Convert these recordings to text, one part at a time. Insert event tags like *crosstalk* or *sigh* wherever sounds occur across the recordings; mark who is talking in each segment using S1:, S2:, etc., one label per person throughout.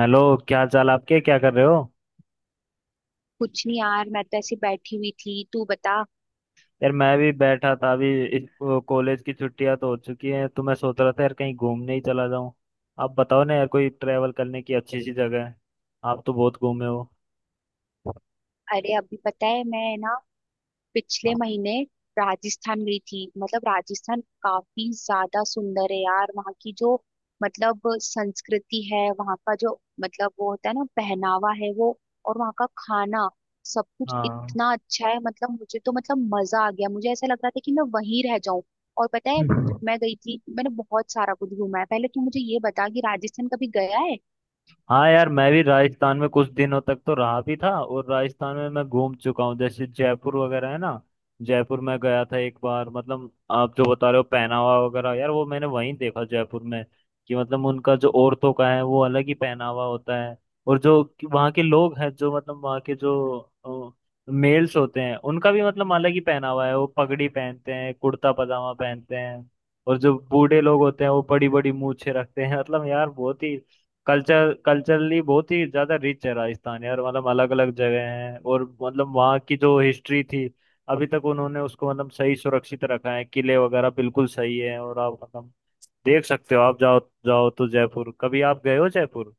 S1: Hello. क्या हाल चाल आपके, क्या कर रहे हो?
S2: कुछ नहीं यार, मैं तो ऐसी बैठी हुई थी। तू बता।
S1: यार मैं भी बैठा था अभी। इस कॉलेज की छुट्टियां तो हो चुकी हैं, तो मैं सोच रहा था यार कहीं घूमने ही चला जाऊं। आप बताओ ना यार, कोई ट्रैवल करने की अच्छी सी जगह है? आप तो बहुत घूमे हो।
S2: अरे अभी पता है, मैं ना पिछले महीने राजस्थान गई थी। मतलब राजस्थान काफी ज्यादा सुंदर है यार। वहाँ की जो मतलब संस्कृति है, वहाँ का जो मतलब वो होता है ना पहनावा, है वो। और वहाँ का खाना, सब कुछ इतना अच्छा है। मतलब मुझे तो मतलब मजा आ गया। मुझे ऐसा लग रहा था कि मैं वहीं रह जाऊं। और पता है,
S1: हाँ।
S2: मैं गई थी, मैंने बहुत सारा कुछ घूमा है। पहले तू मुझे ये बता कि राजस्थान कभी गया है।
S1: हाँ यार, मैं भी राजस्थान में कुछ दिनों तक तो रहा भी था, और राजस्थान में मैं घूम चुका हूँ, जैसे जयपुर वगैरह है ना। जयपुर में गया था एक बार। मतलब आप जो बता रहे हो पहनावा वगैरह यार, वो मैंने वहीं देखा, जयपुर में। कि मतलब उनका जो औरतों का है वो अलग ही पहनावा होता है। और जो कि वहाँ के लोग हैं, जो मतलब वहाँ के जो मेल्स होते हैं, उनका भी मतलब अलग ही पहनावा है। वो पगड़ी पहनते हैं, कुर्ता पजामा पहनते हैं। और जो बूढ़े लोग होते हैं वो बड़ी बड़ी मूछें रखते हैं। *laughs* मतलब यार, बहुत ही कल्चरली बहुत ही ज्यादा रिच है राजस्थान यार। मतलब अलग अलग जगह हैं, और मतलब वहाँ की जो हिस्ट्री थी, अभी तक उन्होंने उसको मतलब सही सुरक्षित रखा है। किले वगैरह बिल्कुल सही है। और आप मतलब देख सकते हो, आप जाओ। जाओ तो, जयपुर कभी आप गए हो, जयपुर?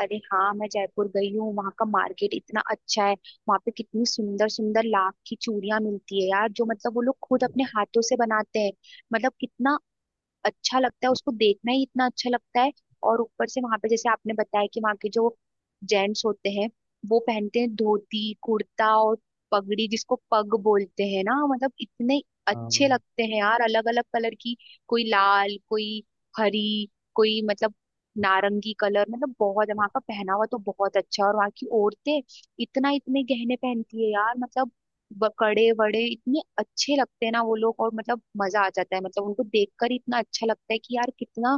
S2: अरे हाँ, मैं जयपुर गई हूँ। वहाँ का मार्केट इतना अच्छा है। वहाँ पे कितनी सुंदर सुंदर लाख की चूड़ियां मिलती है यार, जो मतलब वो लोग खुद अपने हाथों से बनाते हैं। मतलब कितना अच्छा लगता है, उसको देखना ही इतना अच्छा लगता है। और ऊपर से वहां पे जैसे आपने बताया कि वहां के जो जेंट्स होते हैं, वो पहनते हैं धोती कुर्ता और पगड़ी, जिसको पग बोलते हैं ना। मतलब इतने
S1: हाँ।
S2: अच्छे लगते हैं यार, अलग अलग कलर की। कोई लाल, कोई हरी, कोई मतलब नारंगी कलर। मतलब बहुत वहां का पहनावा तो बहुत अच्छा है। और वहां की औरतें इतना इतने गहने पहनती है यार। मतलब कड़े वड़े इतने अच्छे लगते हैं ना वो लोग। और मतलब मजा आ जाता है, मतलब उनको देखकर ही इतना अच्छा लगता है कि यार कितना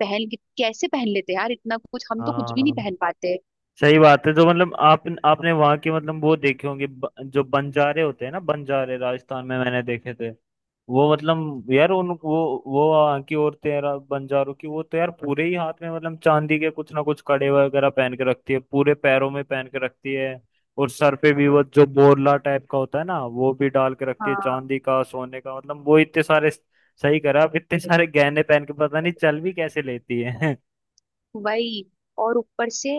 S2: कैसे पहन लेते हैं यार इतना कुछ। हम तो कुछ भी नहीं
S1: हाँ
S2: पहन पाते।
S1: सही बात है। जो मतलब आप आपने वहां के मतलब वो देखे होंगे, जो बंजारे होते हैं ना, बंजारे राजस्थान में मैंने देखे थे। वो मतलब यार उन वो वहाँ की औरतें यार, बंजारों की, वो तो यार पूरे ही हाथ में मतलब चांदी के कुछ ना कुछ कड़े वगैरह पहन के रखती है, पूरे पैरों में पहन के रखती है। और सर पे भी वो जो बोरला टाइप का होता है ना, वो भी डाल के रखती है,
S2: हाँ
S1: चांदी का, सोने का। मतलब वो इतने सारे, सही करा आप, इतने सारे गहने पहन के पता नहीं चल भी कैसे लेती है।
S2: वही। और ऊपर से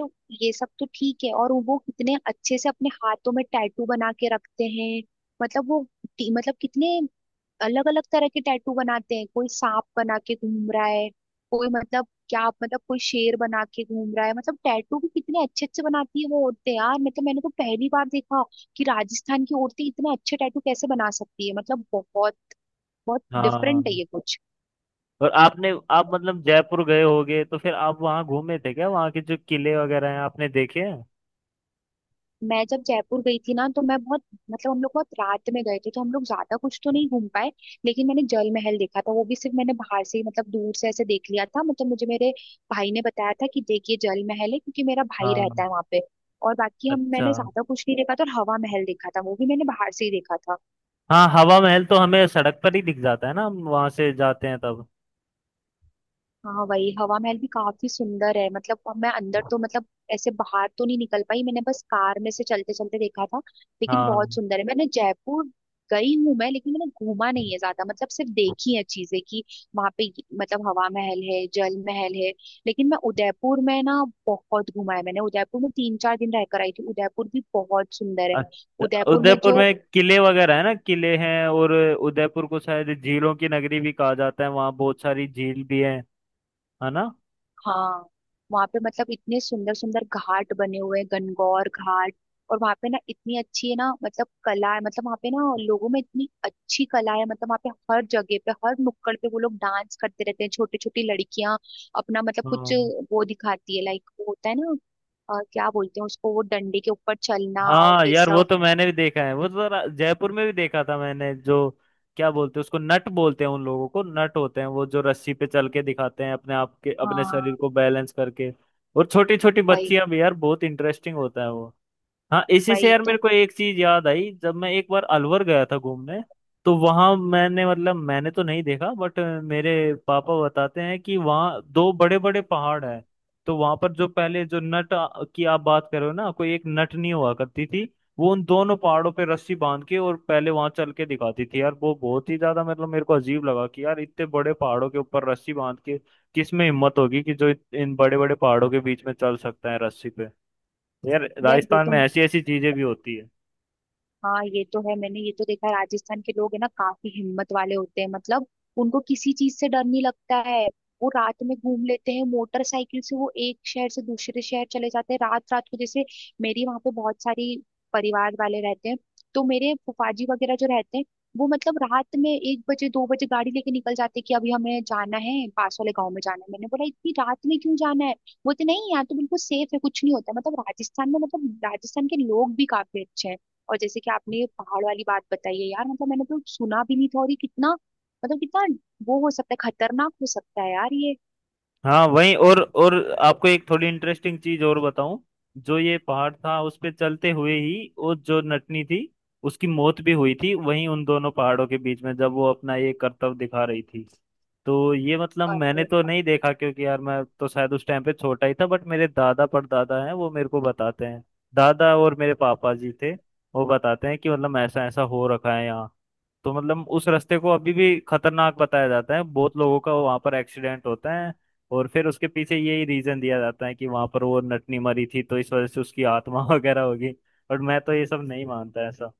S2: ये सब तो ठीक है, और वो कितने अच्छे से अपने हाथों में टैटू बना के रखते हैं। मतलब वो मतलब कितने अलग अलग तरह के टैटू बनाते हैं। कोई सांप बना के घूम रहा है, कोई मतलब क्या मतलब कोई शेर बना के घूम रहा है। मतलब टैटू भी कितने अच्छे अच्छे बनाती है वो औरतें यार। मतलब मैंने तो पहली बार देखा कि राजस्थान की औरतें इतने अच्छे टैटू कैसे बना सकती है। मतलब बहुत बहुत
S1: *laughs* हाँ।
S2: डिफरेंट है ये कुछ।
S1: और आपने आप मतलब जयपुर गए होगे, तो फिर आप वहाँ घूमे थे क्या? वहाँ के जो किले वगैरह हैं आपने देखे हैं?
S2: मैं जब जयपुर गई थी ना, तो मैं बहुत मतलब हम लोग बहुत रात में गए थे, तो हम लोग ज्यादा कुछ तो नहीं घूम पाए। लेकिन मैंने जल महल देखा था, वो भी सिर्फ मैंने बाहर से ही, मतलब दूर से ऐसे देख लिया था। मतलब मुझे मेरे भाई ने बताया था कि देखिए जल महल है, क्योंकि मेरा भाई
S1: हाँ।
S2: रहता है वहां पे। और बाकी हम
S1: अच्छा।
S2: मैंने ज्यादा कुछ नहीं देखा था, और हवा महल देखा था, वो भी मैंने बाहर से ही देखा था।
S1: हाँ हवा महल तो हमें सड़क पर ही दिख जाता है ना, हम वहाँ से जाते हैं तब।
S2: हाँ वही, हवा महल भी काफी सुंदर है। मतलब अब मैं अंदर तो मतलब ऐसे बाहर तो नहीं निकल पाई। मैंने बस कार में से चलते चलते देखा था। लेकिन बहुत
S1: हाँ।
S2: सुंदर है। मैंने जयपुर गई हूँ मैं, लेकिन मैंने घूमा नहीं है ज्यादा। मतलब सिर्फ देखी है चीजें कि वहां पे मतलब हवा महल है, जल महल है। लेकिन मैं उदयपुर में ना बहुत घूमा है मैंने। उदयपुर में तीन चार दिन रहकर आई थी। उदयपुर भी बहुत सुंदर है।
S1: अच्छा।
S2: उदयपुर में
S1: उदयपुर
S2: जो
S1: में किले वगैरह है ना? किले हैं, और उदयपुर को शायद झीलों की नगरी भी कहा जाता है, वहाँ बहुत सारी झील भी है। है ना?
S2: हाँ, वहां पे मतलब इतने सुंदर सुंदर घाट बने हुए हैं, गणगौर घाट। और वहां पे ना इतनी अच्छी है ना मतलब कला है। मतलब वहां पे ना लोगों में इतनी अच्छी कला है। मतलब वहां पे हर जगह पे, हर नुक्कड़ पे वो लोग डांस करते रहते हैं। छोटी छोटी लड़कियां अपना मतलब कुछ
S1: हाँ।
S2: वो दिखाती है, लाइक वो होता है ना क्या बोलते हैं उसको, वो डंडे के ऊपर चलना और
S1: हाँ
S2: ये
S1: यार, वो
S2: सब।
S1: तो मैंने भी देखा है। वो तो जयपुर में भी देखा था मैंने। जो क्या बोलते हैं उसको, नट बोलते हैं उन लोगों को। नट होते हैं वो जो रस्सी पे चल के दिखाते हैं, अपने आप के अपने शरीर
S2: हाँ
S1: को बैलेंस करके। और छोटी छोटी
S2: भाई।
S1: बच्चियां भी यार, बहुत इंटरेस्टिंग होता है वो। हाँ। इसी से
S2: भाई
S1: यार मेरे
S2: तो
S1: को एक चीज याद आई, जब मैं एक बार अलवर गया था घूमने। तो वहां मैंने तो नहीं देखा, बट मेरे पापा बताते हैं कि वहाँ दो बड़े बड़े पहाड़ हैं। तो वहां पर जो पहले जो नट की आप बात कर रहे हो ना, कोई एक नटनी हुआ करती थी। वो उन दोनों पहाड़ों पे रस्सी बांध के, और पहले वहां चल के दिखाती थी यार। वो बहुत ही ज्यादा, मतलब मेरे को अजीब लगा कि यार, इतने बड़े पहाड़ों के ऊपर रस्सी बांध के किस में हिम्मत होगी, कि जो इन बड़े बड़े पहाड़ों के बीच में चल सकता है रस्सी पे। यार
S2: यार ये
S1: राजस्थान
S2: तो।
S1: में ऐसी ऐसी चीजें भी होती है।
S2: हाँ ये तो है, मैंने ये तो देखा है। राजस्थान के लोग है ना, काफी हिम्मत वाले होते हैं। मतलब उनको किसी चीज से डर नहीं लगता है। वो रात में घूम लेते हैं मोटरसाइकिल से, वो एक शहर से दूसरे शहर चले जाते हैं रात रात को। जैसे मेरी वहां पे बहुत सारी परिवार वाले रहते हैं, तो मेरे फुफाजी वगैरह जो रहते हैं, वो मतलब रात में एक बजे दो बजे गाड़ी लेके निकल जाते हैं कि अभी हमें जाना है, पास वाले गांव में जाना है। मैंने बोला इतनी रात में क्यों जाना है। बोलते नहीं, यहाँ तो बिल्कुल सेफ है, कुछ नहीं होता। मतलब राजस्थान में मतलब राजस्थान के लोग भी काफी अच्छे हैं। और जैसे कि आपने ये पहाड़ वाली बात बताई है यार, मतलब मैंने तो सुना भी नहीं था। और ये कितना मतलब कितना वो हो सकता है, खतरनाक हो सकता है यार ये।
S1: हाँ। वहीं। और आपको एक थोड़ी इंटरेस्टिंग चीज और बताऊं? जो ये पहाड़ था उस पे चलते हुए ही, वो जो नटनी थी, उसकी मौत भी हुई थी वहीं, उन दोनों पहाड़ों के बीच में, जब वो अपना ये करतब दिखा रही थी। तो ये मतलब मैंने
S2: अरे
S1: तो नहीं देखा, क्योंकि यार मैं तो शायद उस टाइम पे छोटा ही था, बट मेरे दादा परदादा हैं वो मेरे को बताते हैं। दादा और मेरे पापा जी थे, वो बताते हैं कि मतलब ऐसा ऐसा हो रखा है यहाँ। तो मतलब उस रास्ते को अभी भी खतरनाक बताया जाता है, बहुत लोगों का वहां पर एक्सीडेंट होता है। और फिर उसके पीछे यही रीजन दिया जाता है कि वहां पर वो नटनी मरी थी, तो इस वजह से उसकी आत्मा *laughs* वगैरह होगी। और मैं तो ये सब नहीं मानता ऐसा।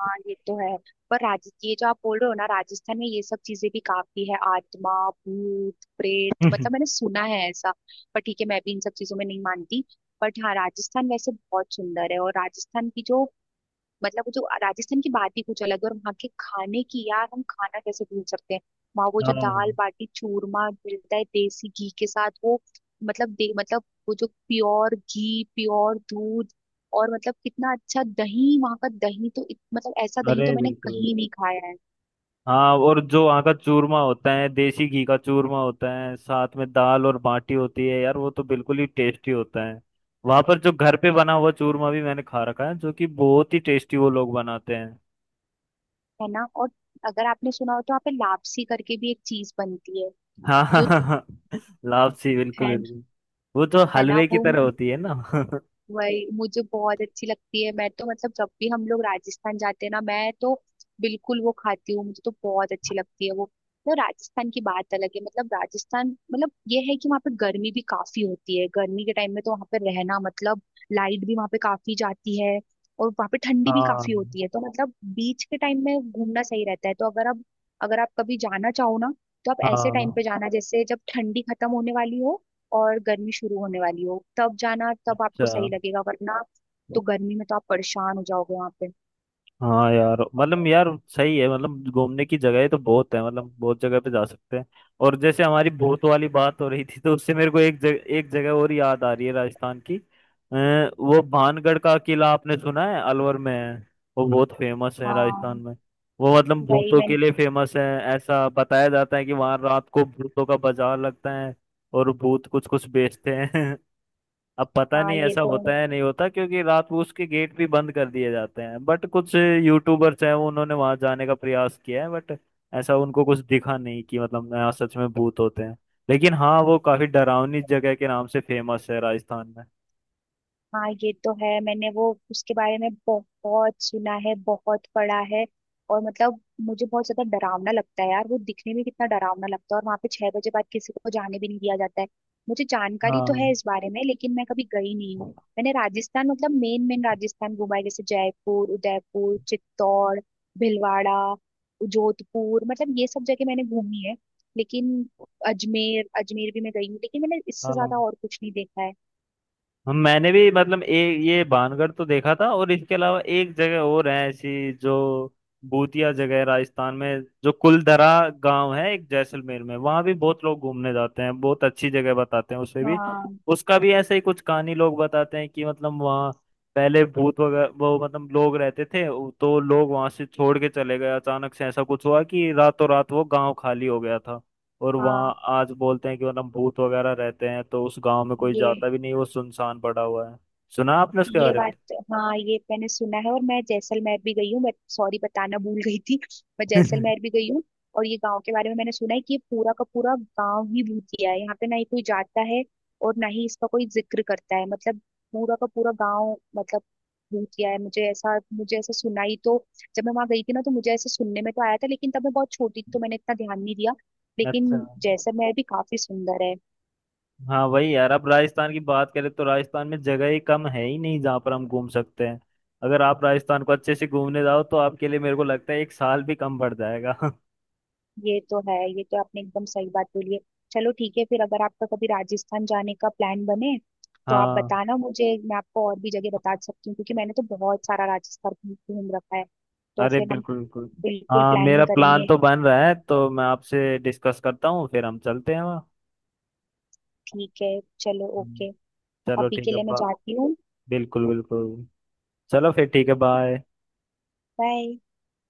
S2: हाँ, ये तो है। पर राज ये जो आप बोल रहे हो ना, राजस्थान में ये सब चीजें भी काफी है, आत्मा भूत प्रेत,
S1: *laughs*
S2: मतलब मैंने सुना है ऐसा। पर ठीक है, मैं भी इन सब चीजों में नहीं मानती। बट हाँ, राजस्थान वैसे बहुत सुंदर है। और राजस्थान की जो मतलब वो जो राजस्थान की बात ही कुछ अलग है। और वहाँ के खाने की यार, हम खाना कैसे भूल सकते हैं। वहाँ वो जो दाल
S1: हाँ।
S2: बाटी चूरमा मिलता है देसी घी के साथ, वो मतलब दे मतलब वो जो प्योर घी, प्योर दूध, और मतलब कितना अच्छा दही। वहाँ का दही तो मतलब ऐसा दही
S1: अरे
S2: तो मैंने
S1: बिल्कुल
S2: कहीं
S1: बिल्कुल।
S2: नहीं खाया है।
S1: हाँ, और जो वहाँ का चूरमा होता है, देसी घी का चूरमा होता है, साथ में दाल और बाटी होती है यार, वो तो बिल्कुल ही टेस्टी होता है। वहां पर जो घर पे बना हुआ चूरमा भी मैंने खा रखा है, जो कि बहुत ही टेस्टी वो लोग बनाते हैं।
S2: है ना। और अगर आपने सुना हो तो वहाँ पे लापसी करके भी एक चीज बनती है,
S1: हाँ, हाँ,
S2: जो
S1: हाँ, हाँ। लापसी, बिल्कुल
S2: है।
S1: बिल्कुल। वो तो
S2: है ना
S1: हलवे की
S2: वो,
S1: तरह होती है ना? *laughs*
S2: वही मुझे बहुत अच्छी लगती है। मैं तो मतलब जब भी हम लोग राजस्थान जाते हैं ना, मैं तो बिल्कुल वो खाती हूँ, मुझे तो बहुत अच्छी लगती है वो। तो राजस्थान की बात अलग है। मतलब राजस्थान मतलब ये है कि वहाँ पे गर्मी भी काफी होती है। गर्मी के टाइम में तो वहाँ पे रहना मतलब लाइट भी वहाँ पे काफी जाती है। और वहाँ पे ठंडी भी काफी
S1: हाँ।
S2: होती है। तो मतलब बीच के टाइम में घूमना सही रहता है। अगर आप कभी जाना चाहो ना, तो आप ऐसे टाइम
S1: हाँ।
S2: पे जाना, जैसे जब ठंडी खत्म होने वाली हो और गर्मी शुरू होने वाली हो, तब जाना, तब आपको
S1: अच्छा।
S2: सही लगेगा। वरना तो गर्मी में तो आप परेशान हो जाओगे वहां पे।
S1: हाँ यार, मतलब यार सही है, मतलब घूमने की जगह तो बहुत है, मतलब बहुत जगह पे जा सकते हैं। और जैसे हमारी भूत वाली बात हो रही थी, तो उससे मेरे को एक जगह और याद आ रही है राजस्थान की। वो भानगढ़ का किला, आपने सुना है? अलवर में है। वो बहुत फेमस है राजस्थान
S2: हाँ
S1: में। वो मतलब
S2: वही।
S1: भूतों के
S2: मैंने
S1: लिए फेमस है। ऐसा बताया जाता है कि वहां रात को भूतों का बाजार लगता है, और भूत कुछ कुछ बेचते हैं। *laughs* अब पता
S2: हाँ
S1: नहीं
S2: ये
S1: ऐसा
S2: तो।
S1: होता है नहीं होता, क्योंकि रात को उसके गेट भी बंद कर दिए जाते हैं, बट कुछ यूट्यूबर्स हैं, उन्होंने वहां जाने का प्रयास किया है, बट ऐसा उनको कुछ दिखा नहीं कि मतलब यहाँ सच में भूत होते हैं। लेकिन हाँ, वो काफी डरावनी जगह के नाम से फेमस है राजस्थान में।
S2: हाँ ये तो है, मैंने वो उसके बारे में बहुत सुना है, बहुत पढ़ा है। और मतलब मुझे बहुत ज्यादा डरावना लगता है यार। वो दिखने में कितना डरावना लगता है। और वहां पे छह बजे बाद किसी को जाने भी नहीं दिया जाता है। मुझे जानकारी तो है
S1: हाँ।
S2: इस बारे में, लेकिन मैं कभी गई नहीं हूँ। मैंने राजस्थान मतलब मेन मेन राजस्थान घूमा है, जैसे जयपुर, उदयपुर, चित्तौड़, भीलवाड़ा, जोधपुर, मतलब ये सब जगह मैंने घूमी है। लेकिन अजमेर, अजमेर भी मैं गई हूँ, लेकिन मैंने इससे
S1: हाँ।
S2: ज्यादा और कुछ नहीं देखा है।
S1: हम मैंने भी मतलब एक ये बानगढ़ तो देखा था, और इसके अलावा एक जगह और है ऐसी, जो भूतिया जगह है राजस्थान में, जो कुलधरा गांव है एक जैसलमेर में। वहां भी बहुत लोग घूमने जाते हैं, बहुत अच्छी जगह बताते हैं उसे भी।
S2: हाँ
S1: उसका भी ऐसे ही कुछ कहानी लोग बताते हैं, कि मतलब वहाँ पहले भूत वगैरह, वो मतलब लोग रहते थे, तो लोग वहां से छोड़ के चले गए। अचानक से ऐसा कुछ हुआ कि रातों रात वो गांव खाली हो गया था। और वहाँ
S2: हाँ।
S1: आज बोलते हैं कि वरना भूत वगैरह रहते हैं, तो उस गांव में कोई
S2: ये
S1: जाता भी नहीं, वो सुनसान पड़ा हुआ है। सुना आपने उसके
S2: ये
S1: बारे
S2: बात तो, हाँ, ये मैंने सुना है। और मैं जैसलमेर भी गई हूँ, बट सॉरी बताना भूल गई थी। मैं
S1: में? *laughs*
S2: जैसलमेर भी गई हूँ। और ये गांव के बारे में मैंने सुना है कि ये पूरा का पूरा गांव ही भूतिया है। यहाँ पे ना ही कोई जाता है और ना ही इसका कोई जिक्र करता है। मतलब पूरा का पूरा गांव मतलब भूतिया है। मुझे ऐसा, मुझे ऐसा सुना ही तो। जब मैं वहां गई थी ना, तो मुझे ऐसा सुनने में तो आया था, लेकिन तब मैं बहुत छोटी थी, तो मैंने इतना ध्यान नहीं दिया। लेकिन
S1: अच्छा।
S2: जैसलमेर भी काफी सुंदर है।
S1: हाँ वही यार, अब राजस्थान की बात करें तो राजस्थान में जगह ही कम है ही नहीं, जहाँ पर हम घूम सकते हैं। अगर आप राजस्थान को अच्छे से घूमने जाओ, तो आपके लिए मेरे को लगता है एक साल भी कम पड़ जाएगा। *laughs*
S2: ये तो है, ये तो आपने एकदम सही बात बोली है। चलो ठीक है फिर, अगर आपका कभी राजस्थान जाने का प्लान बने, तो आप
S1: हाँ,
S2: बताना मुझे। मैं आपको और भी जगह बता सकती हूँ, क्योंकि मैंने तो बहुत सारा राजस्थान घूम घूम रखा है। तो
S1: अरे
S2: फिर हम
S1: बिल्कुल बिल्कुल।
S2: बिल्कुल
S1: हाँ, मेरा
S2: प्लानिंग
S1: प्लान
S2: करेंगे।
S1: तो बन रहा है, तो मैं आपसे डिस्कस करता हूँ, फिर हम चलते हैं वहाँ।
S2: ठीक है चलो,
S1: हम्म।
S2: ओके।
S1: चलो
S2: अभी
S1: ठीक
S2: के
S1: है।
S2: लिए मैं
S1: बा
S2: जाती हूँ।
S1: बिल्कुल बिल्कुल। चलो फिर ठीक है, बाय।
S2: बाय।